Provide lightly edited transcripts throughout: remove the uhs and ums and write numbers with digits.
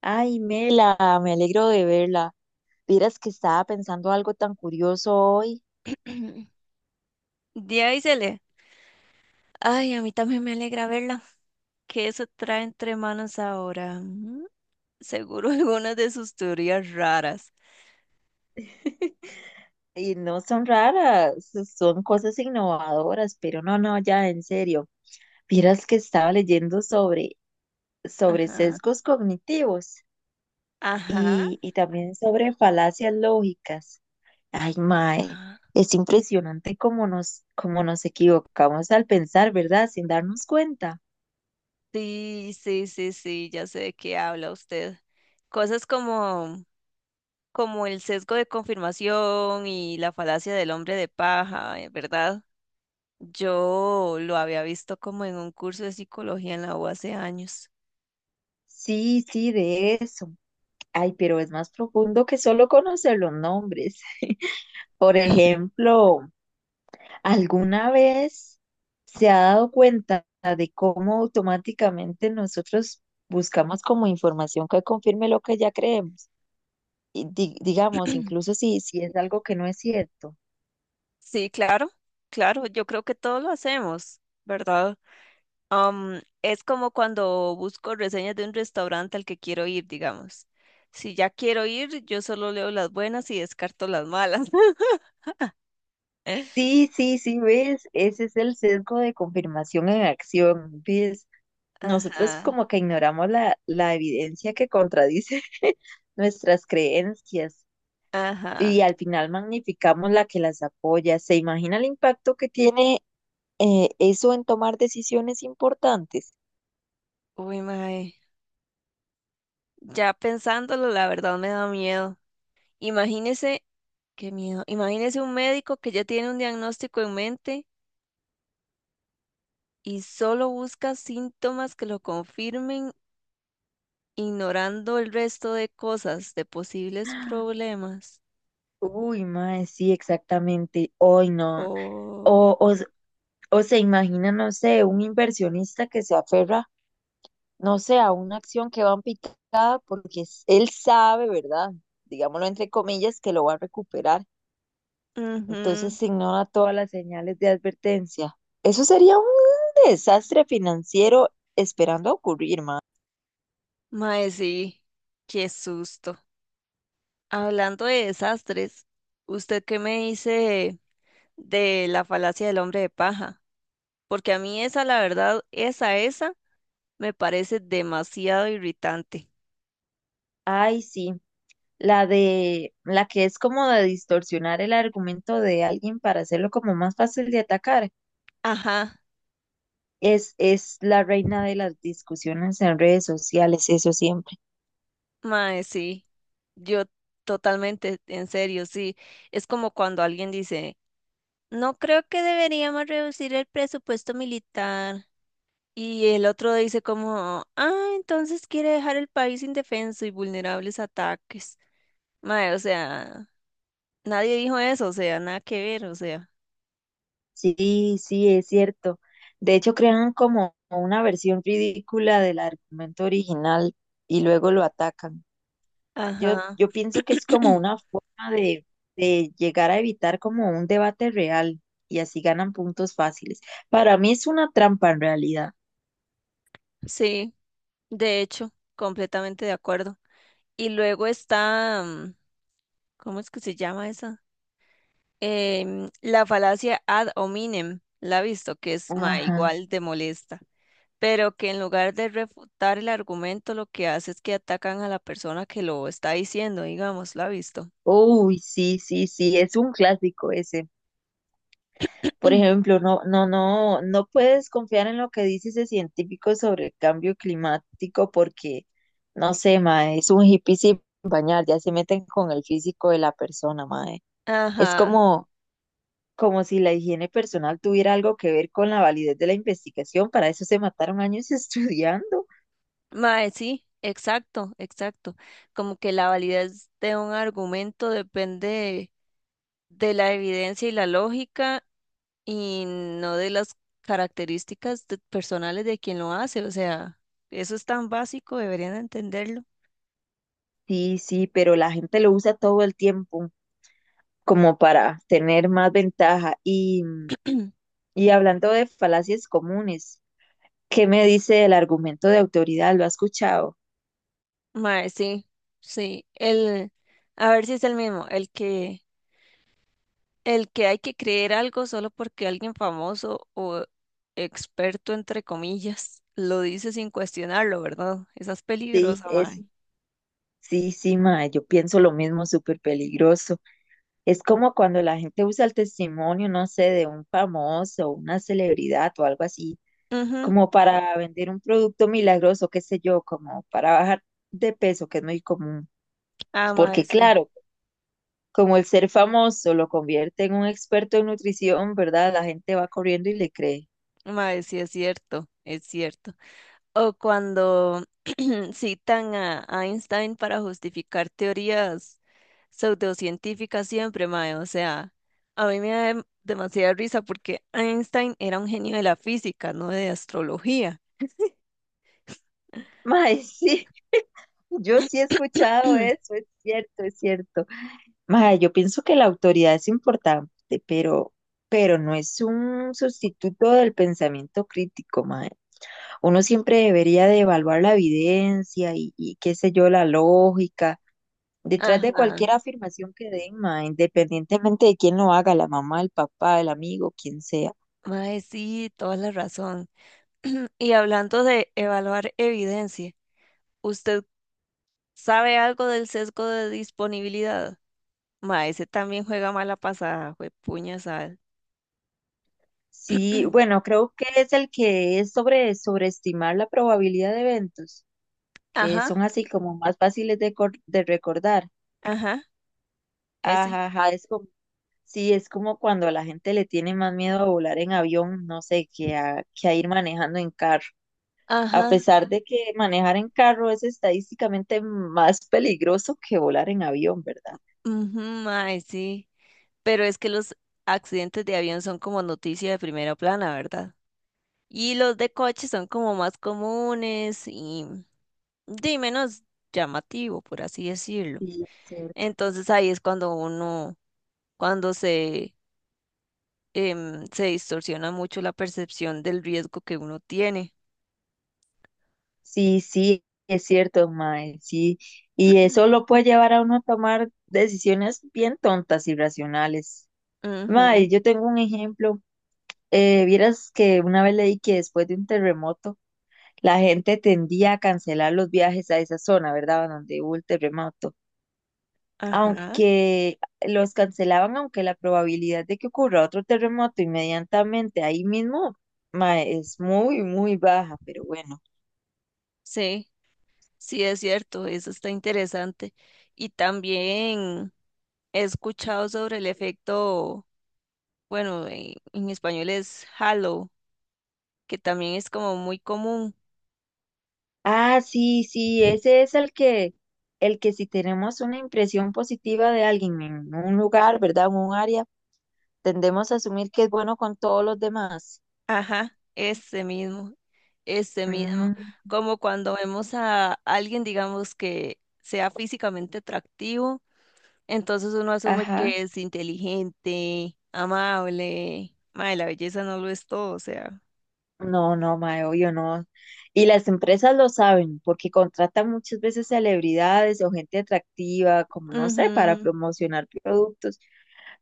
Ay, Mela, me alegro de verla. Vieras que estaba pensando algo tan curioso hoy. Díazele. Ay, a mí también me alegra verla. ¿Qué eso trae entre manos ahora? Seguro algunas de sus teorías raras. Y no son raras, son cosas innovadoras, pero no, no, ya en serio. Vieras que estaba leyendo sobre Ajá, sesgos cognitivos ajá, y también sobre falacias lógicas. Ay, mae, ajá. es impresionante cómo nos equivocamos al pensar, ¿verdad? Sin darnos cuenta. Sí, ya sé de qué habla usted. Cosas como el sesgo de confirmación y la falacia del hombre de paja, ¿verdad? Yo lo había visto como en un curso de psicología en la U hace años. Sí, sí, de eso. Ay, pero es más profundo que solo conocer los nombres. Por ejemplo, ¿alguna vez se ha dado cuenta de cómo automáticamente nosotros buscamos como información que confirme lo que ya creemos? Y digamos, incluso si es algo que no es cierto. Sí, claro, yo creo que todos lo hacemos, ¿verdad? Es como cuando busco reseñas de un restaurante al que quiero ir, digamos. Si ya quiero ir, yo solo leo las buenas y descarto las malas. Sí, sí, sí, ves, ese es el sesgo de confirmación en acción, ves. Nosotros Ajá, como que ignoramos la evidencia que contradice nuestras creencias. ajá. Y al final magnificamos la que las apoya. ¿Se imagina el impacto que tiene eso en tomar decisiones importantes? Uy, mae. Ya pensándolo, la verdad me da miedo. Imagínese, qué miedo. Imagínese un médico que ya tiene un diagnóstico en mente y solo busca síntomas que lo confirmen, ignorando el resto de cosas, de posibles problemas. Uy, mae, sí, exactamente. Hoy no. Oh. O, o, s- o se imagina, no sé, un inversionista que se aferra, no sé, a una acción que va en picada porque él sabe, ¿verdad? Digámoslo entre comillas, que lo va a recuperar. Entonces Ujú. se ignora todas las señales de advertencia. Eso sería un desastre financiero esperando a ocurrir, mae. Mae, sí, qué susto. Hablando de desastres, ¿usted qué me dice de la falacia del hombre de paja? Porque a mí esa, la verdad, esa, me parece demasiado irritante. Ay, sí, la de la que es como de distorsionar el argumento de alguien para hacerlo como más fácil de atacar. Ajá, Es la reina de las discusiones en redes sociales, eso siempre. mae, sí. Yo totalmente, en serio, sí. Es como cuando alguien dice, no creo que deberíamos reducir el presupuesto militar. Y el otro dice como, ah, entonces quiere dejar el país indefenso y vulnerables a ataques. Mae, o sea, nadie dijo eso, o sea, nada que ver, o sea. Sí, sí, es cierto. De hecho, crean como una versión ridícula del argumento original y luego lo atacan. Yo, Ajá. yo pienso que es como una forma de llegar a evitar como un debate real y así ganan puntos fáciles. Para mí es una trampa en realidad. Sí, de hecho, completamente de acuerdo. Y luego está, ¿cómo es que se llama esa? La falacia ad hominem, la ha visto, que es, mae, Ajá. igual de molesta. Pero que en lugar de refutar el argumento, lo que hace es que atacan a la persona que lo está diciendo, digamos, la ha visto. Uy, sí, sí, sí, es un clásico ese. Por ejemplo, no, no, no, no puedes confiar en lo que dice ese científico sobre el cambio climático porque, no sé, mae, es un hippie sin bañar, ya se meten con el físico de la persona, mae. Es Ajá, como, como si la higiene personal tuviera algo que ver con la validez de la investigación, para eso se mataron años estudiando. mae, sí, exacto, exacto. Como que la validez de un argumento depende de la evidencia y la lógica y no de las características de- personales de quien lo hace. O sea, eso es tan básico, deberían entenderlo. Sí, sí, pero la gente lo usa todo el tiempo como para tener más ventaja y Y hablando de falacias comunes, ¿qué me dice el argumento de autoridad? ¿Lo ha escuchado? Mae, sí, sí. El, a ver si es el mismo, el que el que hay que creer algo solo porque alguien famoso o experto, entre comillas, lo dice sin cuestionarlo, ¿verdad? Esa es Sí, peligrosa, mae. sí, sí, mae, yo pienso lo mismo, súper peligroso. Es como cuando la gente usa el testimonio, no sé, de un famoso, una celebridad o algo así, Ujú. como para vender un producto milagroso, qué sé yo, como para bajar de peso, que es muy común. Ah, mae, Porque sí. claro, como el ser famoso lo convierte en un experto en nutrición, ¿verdad? La gente va corriendo y le cree. Mae, sí, es cierto, es cierto. O cuando citan a Einstein para justificar teorías pseudocientíficas siempre, mae. O sea, a mí me da dem- demasiada risa porque Einstein era un genio de la física, no de astrología. Mae, sí. Yo sí he escuchado eso, es cierto, es cierto. Mae, yo pienso que la autoridad es importante, pero no es un sustituto del pensamiento crítico, mae. Uno siempre debería de evaluar la evidencia y qué sé yo, la lógica. Detrás de cualquier Ajá. afirmación que den, mae, independientemente de quién lo haga, la mamá, el papá, el amigo, quien sea. Mae, sí, toda la razón. Y hablando de evaluar evidencia, ¿usted sabe algo del sesgo de disponibilidad? Mae, ese también juega mala pasada, juepuñas al. Sí, bueno, creo que es el que es sobre sobreestimar la probabilidad de eventos que Ajá, son así como más fáciles de, de recordar. ajá, ese. Ajá, ajá, es como, sí, es como cuando a la gente le tiene más miedo a volar en avión, no sé, que a ir manejando en carro. A Ajá, pesar de que manejar en carro es estadísticamente más peligroso que volar en avión, ¿verdad? ujú, mae, sí. Pero es que los accidentes de avión son como noticia de primera plana, ¿verdad? Y los de coche son como más comunes y de menos llamativo, por así decirlo. Sí, es cierto. Entonces ahí es cuando uno cuando se, se distorsiona mucho la percepción del riesgo que uno tiene. Sí, sí, es cierto, mae, sí. Y eso lo puede llevar a uno a tomar decisiones bien tontas y racionales. Mae, Ujú. yo tengo un ejemplo. Vieras que una vez leí que después de un terremoto, la gente tendía a cancelar los viajes a esa zona, ¿verdad? Donde hubo el terremoto. Ajá, Aunque los cancelaban, aunque la probabilidad de que ocurra otro terremoto inmediatamente ahí mismo ma, es muy, muy baja, pero bueno. sí, sí es cierto, eso está interesante. Y también he escuchado sobre el efecto, bueno, en español es halo, que también es como muy común. Ah, sí, sí, ese es el que si tenemos una impresión positiva de alguien en un lugar, ¿verdad? En un área, tendemos a asumir que es bueno con todos los demás. Ajá, ese mismo. Mm, Como cuando vemos a alguien, digamos, que sea físicamente atractivo, entonces uno asume ajá. que es inteligente, amable. Mae, la belleza no lo es todo, o sea. No, no, mae, obvio no. Y las empresas lo saben, porque contratan muchas veces celebridades o gente atractiva, como no sé, para Ujú. promocionar productos.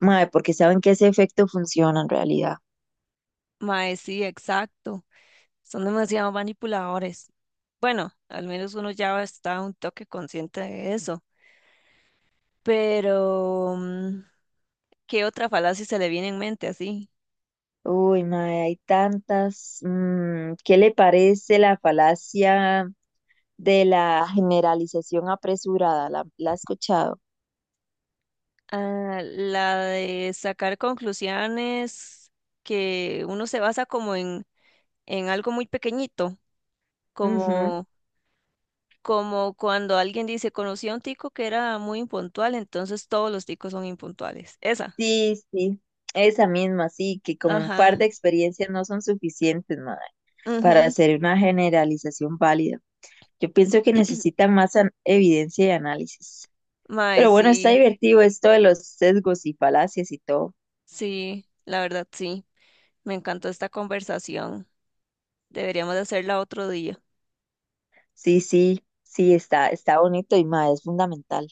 Mae, porque saben que ese efecto funciona en realidad. Mae, sí, exacto. Son demasiado manipuladores. Bueno, al menos uno ya está un toque consciente de eso. Pero, ¿qué otra falacia se le viene en mente así? Uy, mae, hay tantas. Mm, ¿qué le parece la falacia de la generalización apresurada? La ha escuchado? Ah, la de sacar conclusiones que uno se basa como en algo muy pequeñito, Ujú. como como cuando alguien dice, conocí a un tico que era muy impuntual, entonces todos los ticos son impuntuales. Esa. Sí, sí. Esa misma, sí, que con un Ajá. par de experiencias no son suficientes, madre, para Ujú. hacer una generalización válida. Yo pienso que necesita más evidencia y análisis. Mae, Pero bueno, está sí, divertido esto de los sesgos y falacias y todo. sí, la verdad sí. Me encantó esta conversación. Deberíamos de hacerla otro día. Sí, sí, sí, está, está bonito y más, es fundamental.